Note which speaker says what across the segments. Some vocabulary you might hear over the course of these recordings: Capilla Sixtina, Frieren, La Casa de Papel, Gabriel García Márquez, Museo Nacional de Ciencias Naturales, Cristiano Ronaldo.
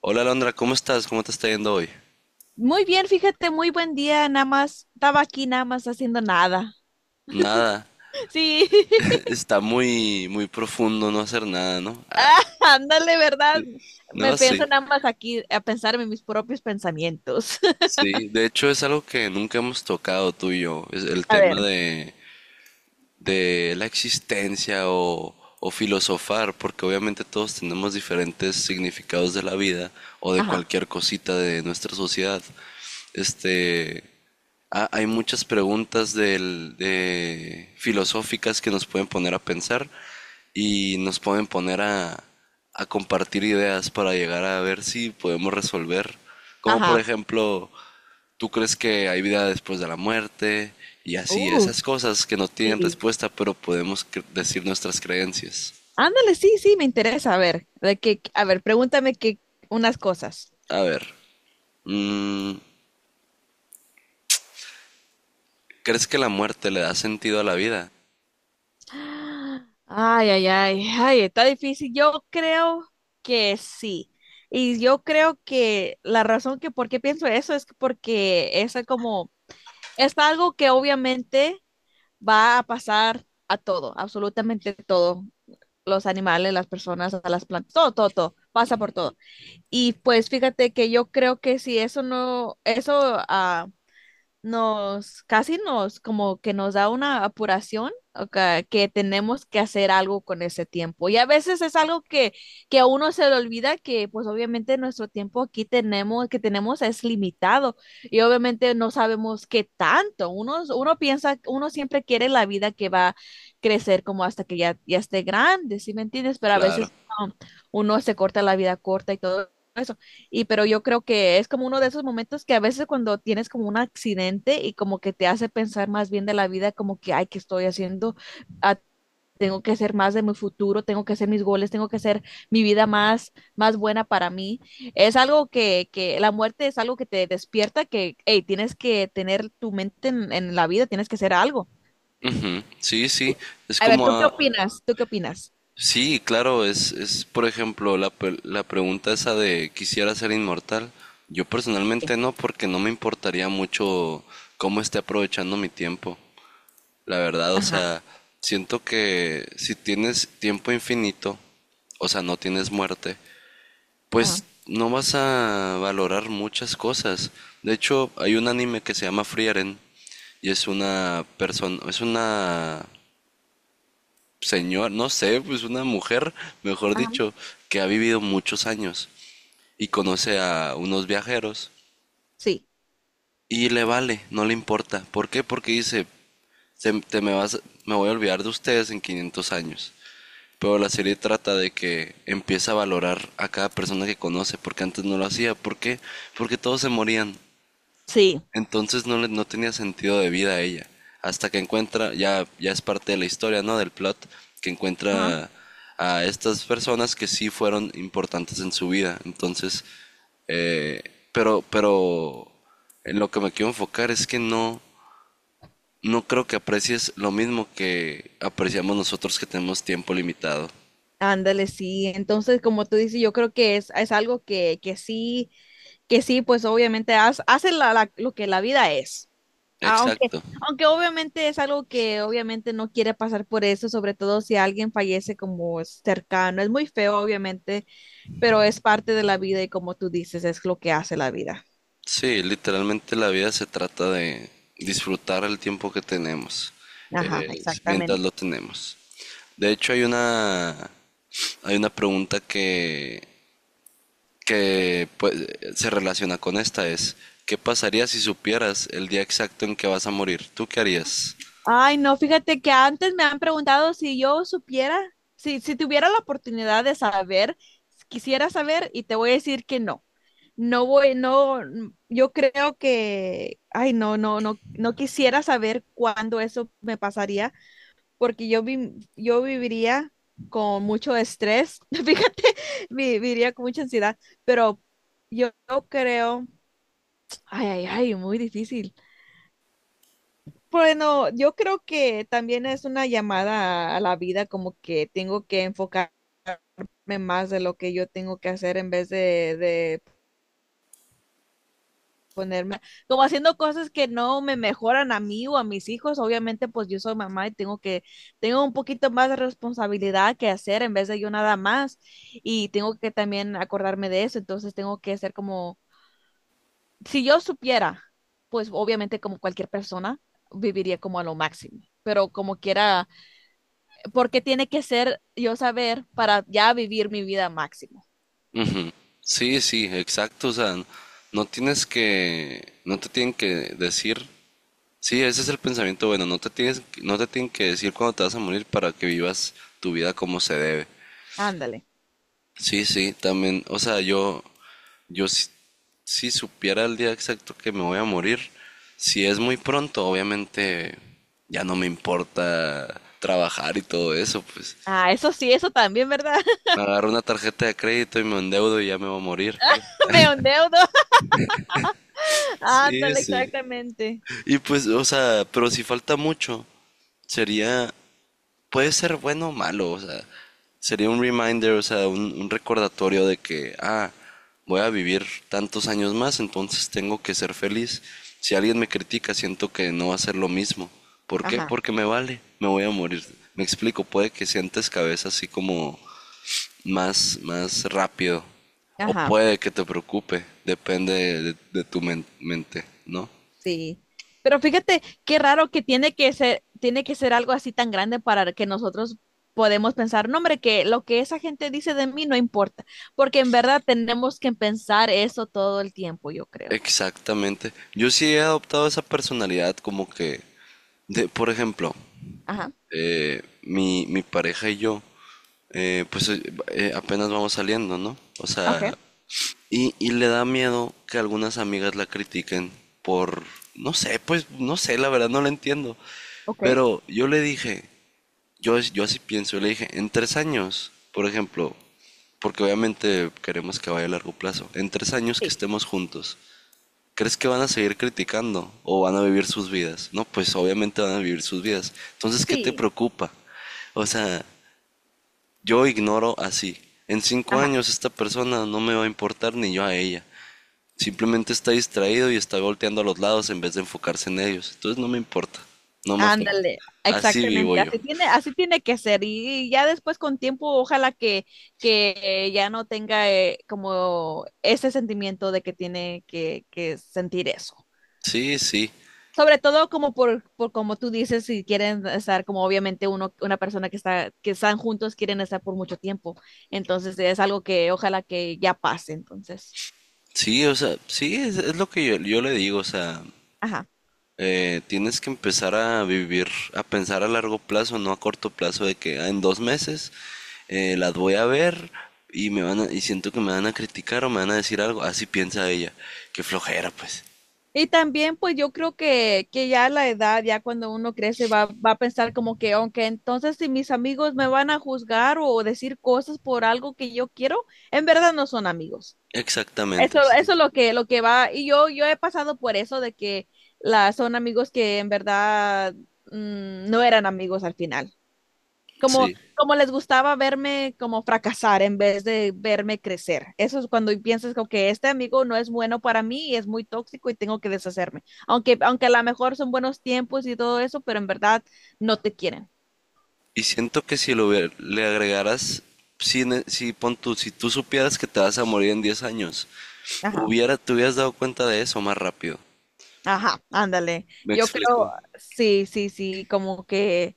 Speaker 1: Hola Alondra, ¿cómo estás? ¿Cómo te está yendo hoy?
Speaker 2: Muy bien, fíjate, muy buen día, nada más. Estaba aquí nada más haciendo nada.
Speaker 1: Nada,
Speaker 2: Sí,
Speaker 1: está muy profundo no hacer nada, ¿no?
Speaker 2: ah, ándale, ¿verdad? Me
Speaker 1: No, sí,
Speaker 2: pienso nada más aquí a pensar en mis propios pensamientos.
Speaker 1: sí. De hecho, es algo que nunca hemos tocado tú y yo, es el
Speaker 2: A
Speaker 1: tema
Speaker 2: ver.
Speaker 1: de la existencia o filosofar, porque obviamente todos tenemos diferentes significados de la vida o de
Speaker 2: Ajá,
Speaker 1: cualquier cosita de nuestra sociedad. Este, hay muchas preguntas de filosóficas que nos pueden poner a pensar y nos pueden poner a compartir ideas para llegar a ver si podemos resolver. Como por
Speaker 2: ajá.
Speaker 1: ejemplo, tú crees que hay vida después de la muerte y así,
Speaker 2: Uh,
Speaker 1: esas cosas que no tienen
Speaker 2: Sí.
Speaker 1: respuesta, pero podemos decir nuestras creencias.
Speaker 2: Ándale, sí, sí, me interesa. A ver, de que, a ver, pregúntame que unas cosas.
Speaker 1: A ver, mm, ¿crees que la muerte le da sentido a la vida?
Speaker 2: Ay, ay, ay, ay, está difícil. Yo creo que sí. Y yo creo que la razón que por qué pienso eso es que porque esa como es algo que obviamente va a pasar a todo, absolutamente todo. Los animales, las personas, a las plantas, todo, todo, todo, pasa por todo. Y pues fíjate que yo creo que si eso no, eso ah, nos, casi nos, como que nos da una apuración, o ca- que tenemos que hacer algo con ese tiempo. Y a veces es algo que a uno se le olvida que, pues obviamente nuestro tiempo aquí tenemos, que tenemos es limitado y obviamente no sabemos qué tanto. Uno piensa, uno siempre quiere la vida que va a crecer como hasta que ya, ya esté grande, ¿sí me entiendes? Pero a
Speaker 1: Claro.
Speaker 2: veces um, uno se corta la vida corta y todo eso. Y pero yo creo que es como uno de esos momentos que a veces cuando tienes como un accidente y como que te hace pensar más bien de la vida, como que, ay, ¿qué estoy haciendo? Ah, Tengo que hacer más de mi futuro, tengo que hacer mis goles, tengo que hacer mi vida más, más buena para mí. Es algo que la muerte es algo que te despierta, que, hey, tienes que tener tu mente en la vida, tienes que hacer algo.
Speaker 1: Ujú, sí, sí, es
Speaker 2: A ver,
Speaker 1: como
Speaker 2: ¿tú qué
Speaker 1: a-
Speaker 2: opinas? ¿Tú qué opinas?
Speaker 1: Sí, claro, es por ejemplo la pregunta esa de quisiera ser inmortal. Yo personalmente no, porque no me importaría mucho cómo esté aprovechando mi tiempo. La verdad, o
Speaker 2: Ajá.
Speaker 1: sea, siento que si tienes tiempo infinito, o sea, no tienes muerte,
Speaker 2: Ajá,
Speaker 1: pues no vas a valorar muchas cosas. De hecho, hay un anime que se llama Frieren y es una persona, es una señor, no sé, pues una mujer, mejor
Speaker 2: ajá,
Speaker 1: dicho, que ha vivido muchos años y conoce a unos viajeros
Speaker 2: sí,
Speaker 1: y le vale, no le importa. ¿Por qué? Porque dice, te me vas, me voy a olvidar de ustedes en 500 años." Pero la serie trata de que empieza a valorar a cada persona que conoce, porque antes no lo hacía. ¿Por qué? Porque todos se morían.
Speaker 2: sí.
Speaker 1: Entonces no, no tenía sentido de vida a ella. Hasta que encuentra, ya es parte de la historia, ¿no? Del plot, que encuentra a estas personas que sí fueron importantes en su vida. Entonces, eh, pero en lo que me quiero enfocar es que no, no creo que aprecies lo mismo que apreciamos nosotros que tenemos tiempo limitado.
Speaker 2: Ándale, sí. Entonces, como tú dices, yo creo es algo que sí, pues obviamente haz- hace la- la- lo que la vida es. Aunque,
Speaker 1: Exacto.
Speaker 2: aunque obviamente es algo que obviamente no quiere pasar por eso, sobre todo si alguien fallece como cercano. Es muy feo, obviamente, pero es parte de la vida y como tú dices, es lo que hace la vida.
Speaker 1: Sí, literalmente la vida se trata de disfrutar el tiempo que tenemos,
Speaker 2: Ajá,
Speaker 1: mientras lo
Speaker 2: exactamente.
Speaker 1: tenemos. De hecho, hay una pregunta que pues, se relaciona con esta, es, ¿qué pasaría si supieras el día exacto en que vas a morir? ¿Tú qué harías?
Speaker 2: Ay, no, fíjate que antes me han preguntado si yo supiera, si tuviera la oportunidad de saber, quisiera saber y te voy a decir que no. No voy, no, yo creo que, ay, no, no, no, no quisiera saber cuándo eso me pasaría, porque yo, vi- yo viviría con mucho estrés, fíjate, vi- viviría con mucha ansiedad, pero yo no creo, ay, ay, ay, muy difícil. Bueno, yo creo que también es una llamada a la vida, como que tengo que enfocarme más de lo que yo tengo que hacer en vez de como haciendo cosas que no me mejoran a mí o a mis hijos, obviamente pues yo soy mamá y tengo tengo un poquito más de responsabilidad que hacer en vez de yo nada más y tengo que también acordarme de eso, entonces tengo que ser como, si yo supiera, pues obviamente como cualquier persona viviría como a lo máximo, pero como quiera, porque tiene que ser yo saber para ya vivir mi vida máximo.
Speaker 1: Ujú. Sí, sí, exacto. O sea, no tienes que, no te tienen que decir. Sí, ese es el pensamiento bueno, no te tienes, no te tienen que decir cuándo te vas a morir para que vivas tu vida como se debe.
Speaker 2: Ándale.
Speaker 1: Sí, sí, también, o sea, yo si, si supiera el día exacto que me voy a morir, si es muy pronto, obviamente ya no me importa trabajar y todo eso, pues
Speaker 2: Ah, eso sí, eso también, ¿verdad?
Speaker 1: me agarro una tarjeta de crédito y me endeudo y ya me voy a morir.
Speaker 2: Me endeudo.
Speaker 1: Sí,
Speaker 2: Ándale,
Speaker 1: sí.
Speaker 2: exactamente.
Speaker 1: Y pues, o sea, pero si falta mucho, sería puede ser bueno o malo, o sea, sería un reminder, o sea, un recordatorio de que, ah, voy a vivir tantos años más, entonces tengo que ser feliz. Si alguien me critica, siento que no va a ser lo mismo. ¿Por qué?
Speaker 2: Ajá,
Speaker 1: Porque me vale, me voy a morir. Me explico, puede que sientes cabeza así como más rápido, o
Speaker 2: ajá.
Speaker 1: puede que te preocupe, depende de tu mente, ¿no?
Speaker 2: Sí. Pero fíjate qué raro que tiene que ser algo así tan grande para que nosotros podemos pensar, no, hombre, que lo que esa gente dice de mí no importa, porque en verdad tenemos que pensar eso todo el tiempo, yo creo.
Speaker 1: Exactamente. Yo sí he adoptado esa personalidad como que, de, por ejemplo,
Speaker 2: Ajá.
Speaker 1: mi pareja y yo, eh, pues eh, apenas vamos saliendo, ¿no? O
Speaker 2: Okay,
Speaker 1: sea, y le da miedo que algunas amigas la critiquen por, no sé, pues no sé, la verdad no la entiendo.
Speaker 2: okay,
Speaker 1: Pero yo le dije, yo así pienso, yo le dije, en 3 años, por ejemplo, porque obviamente queremos que vaya a largo plazo, en 3 años que
Speaker 2: sí,
Speaker 1: estemos juntos, ¿crees que van a seguir criticando o van a vivir sus vidas? No, pues obviamente van a vivir sus vidas. Entonces, ¿qué te
Speaker 2: sí,
Speaker 1: preocupa? O sea, yo ignoro así. En cinco
Speaker 2: ajá,
Speaker 1: años esta persona no me va a importar ni yo a ella. Simplemente está distraído y está volteando a los lados en vez de enfocarse en ellos. Entonces no me importa, no me afecta.
Speaker 2: ándale,
Speaker 1: Así vivo
Speaker 2: exactamente,
Speaker 1: yo.
Speaker 2: así tiene que ser y ya después con tiempo ojalá que ya no tenga como ese sentimiento de que tiene que sentir eso.
Speaker 1: Sí, sí,
Speaker 2: Sobre todo como por como tú dices, si quieren estar como obviamente uno, una persona que están juntos, quieren estar por mucho tiempo. Entonces es algo que ojalá que ya pase, entonces.
Speaker 1: sí, o sea, sí, es lo que yo le digo, o sea,
Speaker 2: Ajá.
Speaker 1: eh, tienes que empezar a vivir, a pensar a largo plazo, no a corto plazo, de que ah, en 2 meses las voy a ver y y siento que me van a criticar o me van a decir algo. Así piensa ella. Qué flojera, pues.
Speaker 2: Y también pues yo creo que ya la edad, ya cuando uno crece, va a pensar como que, aunque entonces si mis amigos me van a juzgar o decir cosas por algo que yo quiero, en verdad no son amigos. Eso,
Speaker 1: Exactamente, sí.
Speaker 2: eso es lo que va, yo he pasado por eso de que la, son amigos que en verdad no eran amigos al final. Como,
Speaker 1: Sí.
Speaker 2: como les gustaba verme como fracasar en vez de verme crecer. Eso es cuando piensas como que este amigo no es bueno para mí y es muy tóxico y tengo que deshacerme. Aunque, aunque a lo mejor son buenos tiempos y todo eso, pero en verdad no te quieren.
Speaker 1: Y siento que si lo le agregaras, si, si, pon tú, si tú supieras que te vas a morir en 10 años,
Speaker 2: Ajá,
Speaker 1: te hubieras dado cuenta de eso más rápido.
Speaker 2: ajá, ándale.
Speaker 1: ¿Me
Speaker 2: Yo creo,
Speaker 1: explico?
Speaker 2: sí, sí, sí, como que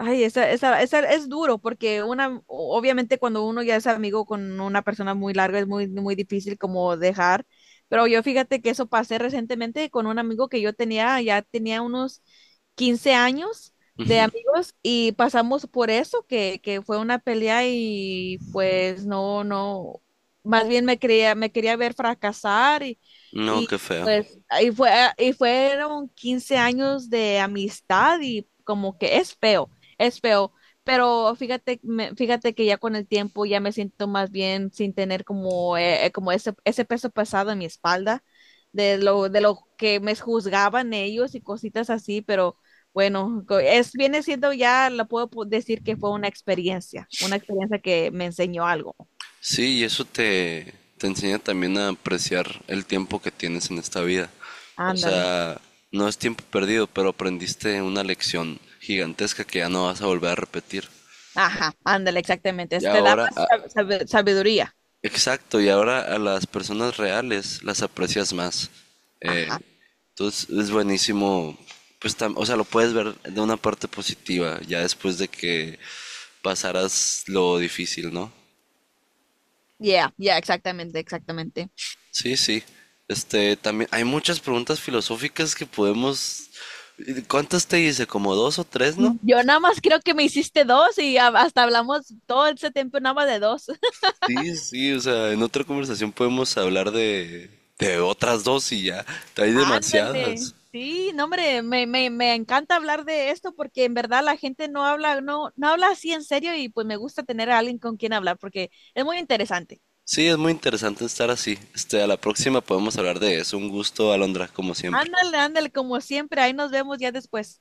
Speaker 2: ay, esa es duro porque una, o- obviamente cuando uno ya es amigo con una persona muy larga es muy, muy difícil como dejar, pero yo fíjate que eso pasé recientemente con un amigo que yo tenía, ya tenía unos 15 años de amigos y pasamos por eso, que fue una pelea y pues no, no, más bien me quería ver fracasar
Speaker 1: No,
Speaker 2: y
Speaker 1: qué feo.
Speaker 2: pues ahí fue, y fueron 15 años de amistad y como que es feo, es feo, pero fíjate, me- fíjate que ya con el tiempo ya me siento más bien sin tener como, como ese peso pesado en mi espalda de lo que me juzgaban ellos y cositas así, pero bueno, co- es, viene siendo ya, lo puedo po- decir que fue una experiencia que me enseñó algo.
Speaker 1: Sí, y eso te enseña también a apreciar el tiempo que tienes en esta vida. O
Speaker 2: Ándale.
Speaker 1: sea, no es tiempo perdido, pero aprendiste una lección gigantesca que ya no vas a volver a repetir.
Speaker 2: Ajá, ándale, exactamente.
Speaker 1: Y
Speaker 2: Te da
Speaker 1: ahora,
Speaker 2: más sab- sabe- sabiduría.
Speaker 1: exacto, y ahora a las personas reales las aprecias más. Eh,
Speaker 2: Ajá.
Speaker 1: entonces es buenísimo, pues, tam- o sea, lo puedes ver de una parte positiva, ya después de que pasaras lo difícil, ¿no?
Speaker 2: Yeah, yeah, exactamente, exactamente.
Speaker 1: Sí, sí. Este, también hay muchas preguntas filosóficas que podemos. ¿Cuántas te hice? Como dos o tres, ¿no?
Speaker 2: Yo nada más creo que me hiciste dos y a- hasta hablamos todo ese tiempo nada más de dos.
Speaker 1: Sí, sí, o sea, en otra conversación podemos hablar de otras dos y ya. Hay
Speaker 2: Ándale.
Speaker 1: demasiadas.
Speaker 2: Sí, no, hombre, me encanta hablar de esto porque en verdad la gente no habla, no, no habla así en serio y pues me gusta tener a alguien con quien hablar porque es muy interesante.
Speaker 1: Sí, es muy interesante estar así. Este, a la próxima podemos hablar de eso. Un gusto, Alondra, como siempre.
Speaker 2: Ándale, ándale, como siempre, ahí nos vemos ya después.